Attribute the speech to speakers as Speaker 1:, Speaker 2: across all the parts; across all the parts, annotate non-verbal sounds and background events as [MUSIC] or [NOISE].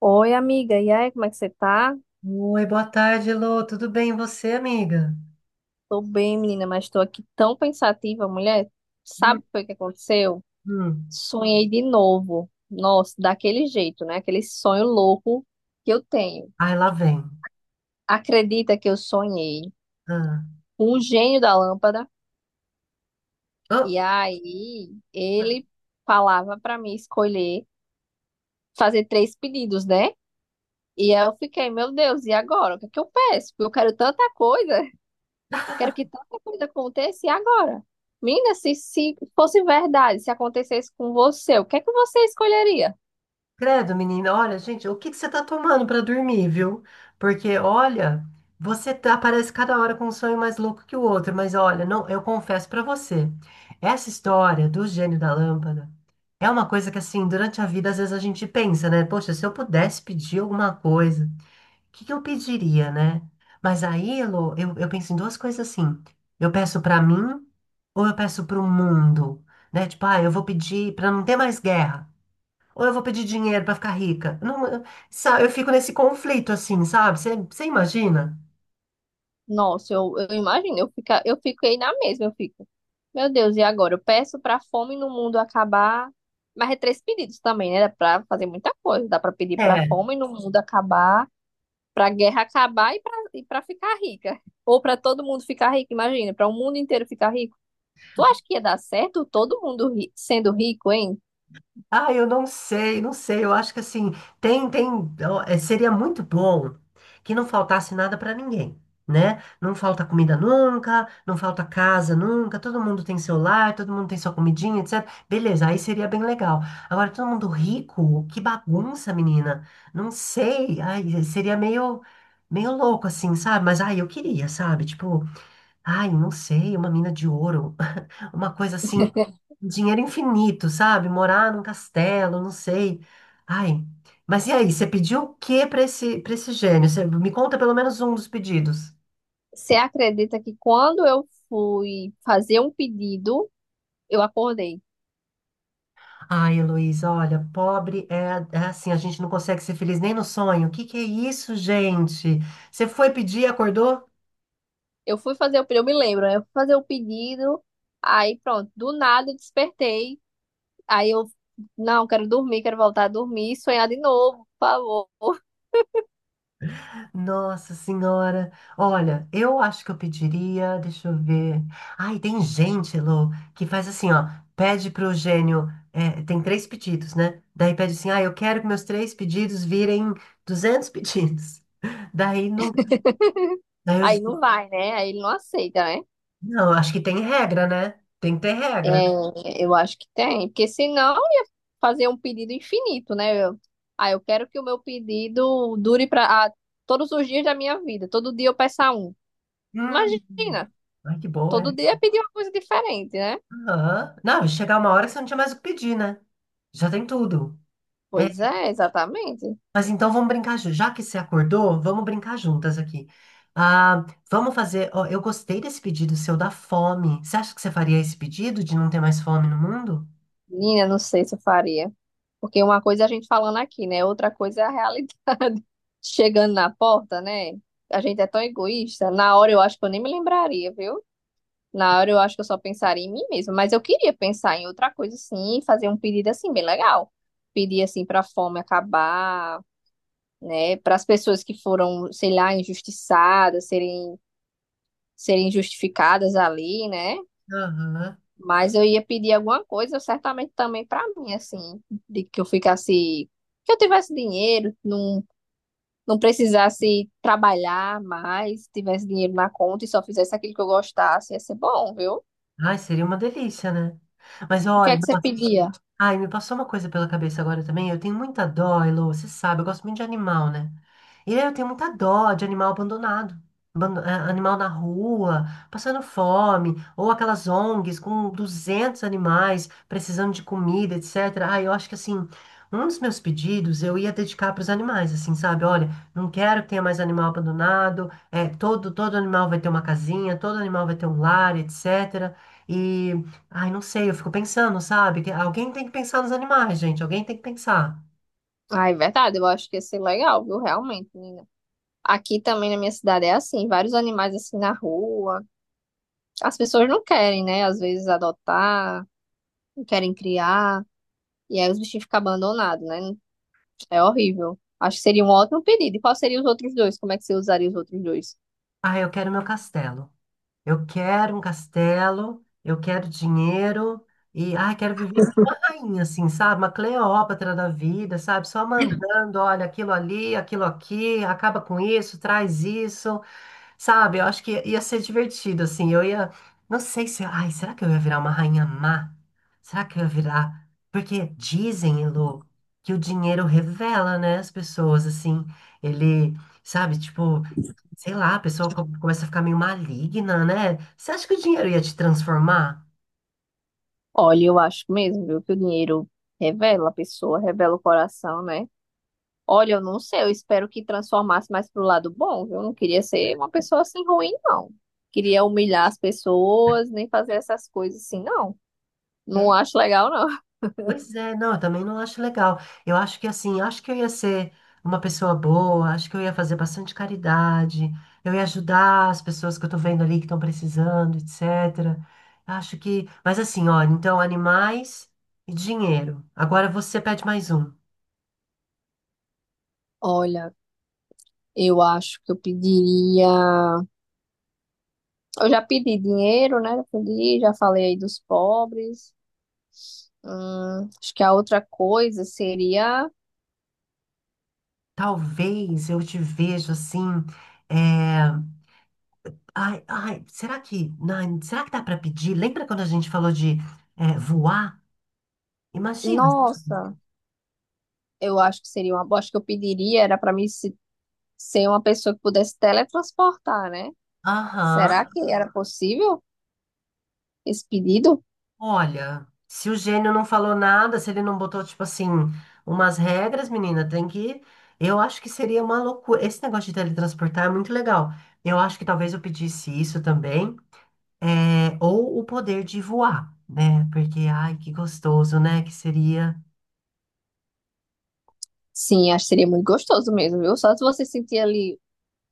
Speaker 1: Oi, amiga. E aí, como é que você tá?
Speaker 2: Oi, boa tarde, Lô. Tudo bem, e você, amiga?
Speaker 1: Tô bem, menina, mas tô aqui tão pensativa, mulher. Sabe
Speaker 2: Hum,
Speaker 1: o que foi que aconteceu?
Speaker 2: hum.
Speaker 1: Sonhei de novo. Nossa, daquele jeito, né? Aquele sonho louco que eu tenho.
Speaker 2: Ai, lá vem.
Speaker 1: Acredita que eu sonhei
Speaker 2: Ah.
Speaker 1: com o gênio da lâmpada?
Speaker 2: Ah,
Speaker 1: E aí, ele falava pra mim escolher, fazer três pedidos, né? E aí eu fiquei, meu Deus, e agora? O que é que eu peço? Porque eu quero tanta coisa. Quero que tanta coisa aconteça e agora. Menina, se fosse verdade, se acontecesse com você, o que é que você escolheria?
Speaker 2: credo, menina. Olha, gente, o que que você tá tomando pra dormir, viu? Porque, olha, aparece cada hora com um sonho mais louco que o outro. Mas, olha, não, eu confesso pra você, essa história do gênio da lâmpada é uma coisa que, assim, durante a vida, às vezes a gente pensa, né? Poxa, se eu pudesse pedir alguma coisa. O que que eu pediria, né? Mas aí, Lô, eu penso em duas coisas assim. Eu peço pra mim ou eu peço pro mundo, né? Tipo, ah, eu vou pedir pra não ter mais guerra. Ou eu vou pedir dinheiro pra ficar rica. Não, sabe, eu fico nesse conflito assim, sabe? Você imagina?
Speaker 1: Nossa, eu imagino, eu, fica, eu fiquei na mesma, eu fico. Meu Deus, e agora? Eu peço pra fome no mundo acabar. Mas é três pedidos também, né? Dá pra fazer muita coisa. Dá pra pedir pra
Speaker 2: É.
Speaker 1: fome no mundo acabar, pra guerra acabar e pra ficar rica. Ou pra todo mundo ficar rico, imagina, pra o mundo inteiro ficar rico. Tu acha que ia dar certo todo mundo sendo rico, hein?
Speaker 2: Ah, eu não sei, não sei. Eu acho que assim, tem, tem, ó, seria muito bom que não faltasse nada para ninguém, né? Não falta comida nunca, não falta casa nunca, todo mundo tem seu lar, todo mundo tem sua comidinha, etc. Beleza, aí seria bem legal. Agora, todo mundo rico, que bagunça, menina. Não sei, ai, seria meio louco assim, sabe? Mas ai, eu queria, sabe? Tipo, ai, não sei, uma mina de ouro, [LAUGHS] uma coisa assim. Dinheiro infinito, sabe? Morar num castelo, não sei. Ai, mas e aí? Você pediu o que para esse gênio? Você me conta pelo menos um dos pedidos.
Speaker 1: Você acredita que quando eu fui fazer um pedido, eu acordei.
Speaker 2: Ai, Heloísa, olha, pobre é assim, a gente não consegue ser feliz nem no sonho. O que que é isso, gente? Você foi pedir, acordou?
Speaker 1: Eu fui fazer o pedido, eu me lembro, né? Eu fui fazer o pedido, aí pronto, do nada eu despertei. Aí eu, não, quero dormir, quero voltar a dormir, e sonhar de novo, por favor. [LAUGHS]
Speaker 2: Nossa Senhora, olha, eu acho que eu pediria, deixa eu ver. Ai, tem gente, Lô, que faz assim, ó, pede pro gênio, tem três pedidos, né? Daí pede assim, ah, eu quero que meus três pedidos virem 200 pedidos. Daí não, daí
Speaker 1: Aí
Speaker 2: o
Speaker 1: não vai, né? Aí ele não aceita, né?
Speaker 2: não, acho que tem regra, né? Tem que ter regra.
Speaker 1: É, eu acho que tem, porque senão eu ia fazer um pedido infinito, né? Eu, ah, eu quero que o meu pedido dure para todos os dias da minha vida, todo dia eu peça um.
Speaker 2: Hum.
Speaker 1: Imagina.
Speaker 2: Ai, que boa
Speaker 1: Todo
Speaker 2: essa.
Speaker 1: dia pedir uma coisa diferente, né?
Speaker 2: Aham. Não, chegar uma hora que você não tinha mais o que pedir, né? Já tem tudo.
Speaker 1: Pois
Speaker 2: É.
Speaker 1: é, exatamente.
Speaker 2: Mas então vamos brincar juntos. Já que você acordou, vamos brincar juntas aqui. Ah, vamos fazer. Ó, eu gostei desse pedido seu da fome. Você acha que você faria esse pedido de não ter mais fome no mundo?
Speaker 1: Menina, não sei se eu faria. Porque uma coisa é a gente falando aqui, né? Outra coisa é a realidade. [LAUGHS] Chegando na porta, né? A gente é tão egoísta. Na hora eu acho que eu nem me lembraria, viu? Na hora eu acho que eu só pensaria em mim mesma. Mas eu queria pensar em outra coisa, sim, e fazer um pedido assim, bem legal. Pedir assim pra fome acabar, né? Para as pessoas que foram, sei lá, injustiçadas, serem justificadas ali, né?
Speaker 2: Aham.
Speaker 1: Mas eu ia pedir alguma coisa, certamente também pra mim, assim, de que eu ficasse, que eu tivesse dinheiro, não, não precisasse trabalhar mais, tivesse dinheiro na conta e só fizesse aquilo que eu gostasse, ia ser bom, viu?
Speaker 2: Ai, seria uma delícia, né? Mas
Speaker 1: O que é
Speaker 2: olha,
Speaker 1: que você pedia?
Speaker 2: ai, me passou uma coisa pela cabeça agora também. Eu tenho muita dó, Elô, você sabe, eu gosto muito de animal, né? E aí eu tenho muita dó de animal abandonado. Animal na rua, passando fome, ou aquelas ONGs com 200 animais precisando de comida, etc. Ah, eu acho que assim, um dos meus pedidos eu ia dedicar para os animais, assim, sabe? Olha, não quero que tenha mais animal abandonado, todo animal vai ter uma casinha, todo animal vai ter um lar, etc. Ai, não sei, eu fico pensando, sabe? Que alguém tem que pensar nos animais, gente. Alguém tem que pensar.
Speaker 1: Ah, é verdade, eu acho que ia ser legal, viu? Realmente, menina. Aqui também na minha cidade é assim, vários animais assim na rua. As pessoas não querem, né? Às vezes adotar, não querem criar, e aí os bichinhos ficam abandonados, né? É horrível. Acho que seria um ótimo pedido. E qual seria os outros dois? Como é que você usaria os outros dois?
Speaker 2: Ah, eu quero meu castelo. Eu quero um castelo, eu quero dinheiro e, ai, quero viver como uma rainha, assim, sabe? Uma Cleópatra da vida, sabe? Só mandando, olha, aquilo ali, aquilo aqui, acaba com isso, traz isso. Sabe, eu acho que ia ser divertido, assim. Eu ia. Não sei se. Ai, será que eu ia virar uma rainha má? Será que eu ia virar. Porque dizem, Elô, que o dinheiro revela, né, as pessoas, assim. Ele, sabe, tipo, sei lá, a pessoa começa a ficar meio maligna, né? Você acha que o dinheiro ia te transformar?
Speaker 1: Olha, eu acho mesmo, viu, que o dinheiro revela a pessoa, revela o coração, né? Olha, eu não sei, eu espero que transformasse mais pro lado bom, viu? Eu não queria ser uma pessoa assim ruim, não. Queria humilhar as pessoas, nem fazer essas coisas assim, não. Não acho legal, não.
Speaker 2: Pois é, não, eu também não acho legal. Eu acho que assim, acho que eu ia ser uma pessoa boa, acho que eu ia fazer bastante caridade, eu ia ajudar as pessoas que eu tô vendo ali que estão precisando, etc. Acho que, mas assim, olha, então animais e dinheiro. Agora você pede mais um.
Speaker 1: Olha, eu acho que eu pediria. Eu já pedi dinheiro, né? Eu pedi, já falei aí dos pobres. Acho que a outra coisa seria,
Speaker 2: Talvez eu te vejo assim, é, ai, ai, será que, não, será que dá para pedir? Lembra quando a gente falou de voar? Imagina.
Speaker 1: nossa, eu acho que seria uma, boa. Acho que eu pediria era para mim ser uma pessoa que pudesse teletransportar, né?
Speaker 2: Aham.
Speaker 1: Será que era possível esse pedido?
Speaker 2: Olha, se o gênio não falou nada, se ele não botou, tipo assim, umas regras, menina, tem que. Eu acho que seria uma loucura. Esse negócio de teletransportar é muito legal. Eu acho que talvez eu pedisse isso também. é, Ou o poder de voar, né? Porque, ai, que gostoso, né? Que seria.
Speaker 1: Sim, acho que seria muito gostoso mesmo, viu? Só se você sentir ali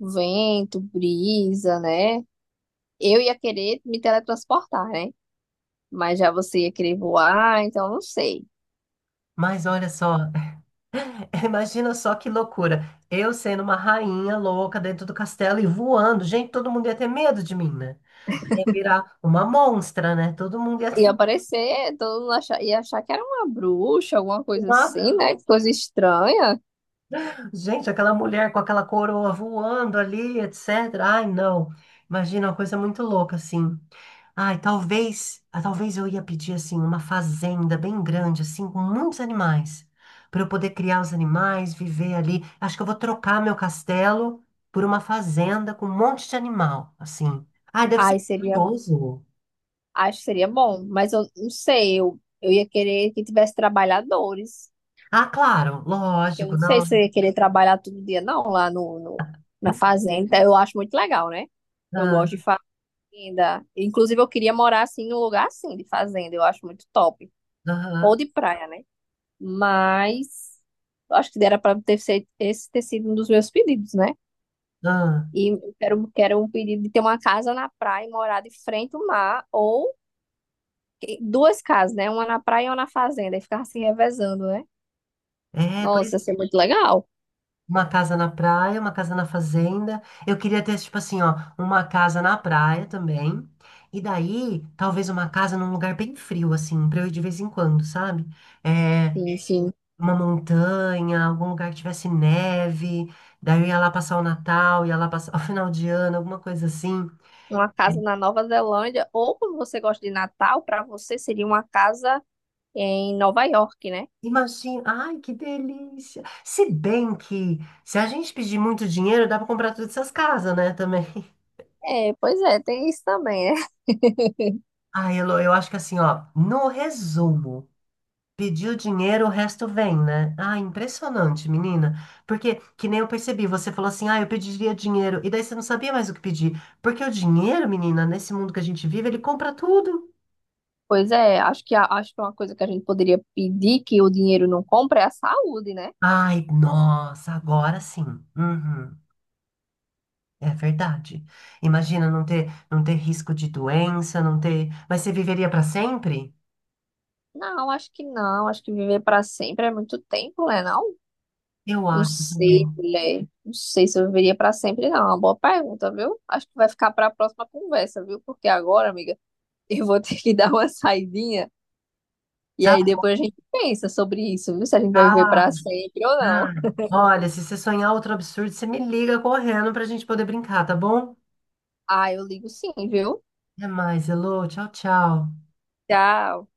Speaker 1: vento, brisa, né? Eu ia querer me teletransportar, né? Mas já você ia querer voar, então não sei.
Speaker 2: Mas olha só, [LAUGHS] imagina só que loucura. Eu sendo uma rainha louca dentro do castelo e voando. Gente, todo mundo ia ter medo de mim, né? Ia virar uma monstra, né? Todo mundo ia
Speaker 1: Ia
Speaker 2: ter.
Speaker 1: aparecer, todo mundo ia achar que era uma bruxa, alguma coisa
Speaker 2: Uma
Speaker 1: assim, né? Que coisa estranha.
Speaker 2: Gente, aquela mulher com aquela coroa voando ali, etc. Ai, não. Imagina uma coisa muito louca, assim. Ai, talvez eu ia pedir, assim, uma fazenda bem grande, assim, com muitos animais, para eu poder criar os animais, viver ali. Acho que eu vou trocar meu castelo por uma fazenda com um monte de animal, assim. Ai, deve
Speaker 1: Ai,
Speaker 2: ser
Speaker 1: seria,
Speaker 2: gostoso.
Speaker 1: acho que seria bom, mas eu não sei, eu ia querer que tivesse trabalhadores.
Speaker 2: Ah, claro,
Speaker 1: Eu
Speaker 2: lógico,
Speaker 1: não sei
Speaker 2: não.
Speaker 1: se eu ia querer trabalhar todo dia, não, lá no, no- na fazenda. Eu acho muito legal, né? Eu gosto de
Speaker 2: Ah,
Speaker 1: fazenda. Inclusive, eu queria morar assim num lugar assim de fazenda, eu acho muito top. Ou
Speaker 2: aham,
Speaker 1: de praia, né? Mas eu acho que dera para ter sido, esse ter sido um dos meus pedidos, né?
Speaker 2: ah.
Speaker 1: E eu quero, quero um pedido de ter uma casa na praia e morar de frente ao mar, ou e duas casas, né? Uma na praia e uma na fazenda. E ficava se revezando, né?
Speaker 2: É, pois,
Speaker 1: Nossa, ia ser muito legal.
Speaker 2: uma casa na praia, uma casa na fazenda. Eu queria ter, tipo assim, ó, uma casa na praia também. E daí, talvez uma casa num lugar bem frio, assim, pra eu ir de vez em quando, sabe? É,
Speaker 1: Sim, sim.
Speaker 2: uma montanha, algum lugar que tivesse neve. Daí eu ia lá passar o Natal, ia lá passar [LAUGHS] o final de ano, alguma coisa assim.
Speaker 1: Uma casa na Nova Zelândia, ou como você gosta de Natal, para você seria uma casa em Nova York, né?
Speaker 2: Imagina, ai, que delícia. Se bem que, se a gente pedir muito dinheiro, dá pra comprar todas essas casas, né, também. [LAUGHS]
Speaker 1: É, pois é, tem isso também, né? [LAUGHS]
Speaker 2: Ai, Elô, eu acho que assim, ó, no resumo, pediu dinheiro, o resto vem, né? Ah, impressionante, menina. Porque, que nem eu percebi, você falou assim, ah, eu pediria dinheiro. E daí você não sabia mais o que pedir. Porque o dinheiro, menina, nesse mundo que a gente vive, ele compra tudo.
Speaker 1: Pois é, acho que, acho que uma coisa que a gente poderia pedir que o dinheiro não compra é a saúde, né?
Speaker 2: Ai, nossa, agora sim. Uhum, é verdade. Imagina não ter, não ter risco de doença, não ter. Mas você viveria para sempre?
Speaker 1: Não, acho que não. Acho que viver para sempre é muito tempo, né? Não?
Speaker 2: Eu
Speaker 1: Não
Speaker 2: acho também.
Speaker 1: sei, mulher. Não sei se eu viveria pra sempre, não. É uma boa pergunta, viu? Acho que vai ficar pra próxima conversa, viu? Porque agora, amiga, [LAUGHS] eu vou ter que dar uma saidinha e
Speaker 2: Tá,
Speaker 1: aí depois a gente pensa sobre isso, viu? Se a gente vai viver
Speaker 2: tá.
Speaker 1: pra sempre ou
Speaker 2: Tá.
Speaker 1: não.
Speaker 2: Olha, se você sonhar outro absurdo, você me liga correndo pra gente poder brincar, tá bom?
Speaker 1: Ah, eu ligo sim, viu?
Speaker 2: Até mais, Elô. Tchau, tchau.
Speaker 1: Tchau.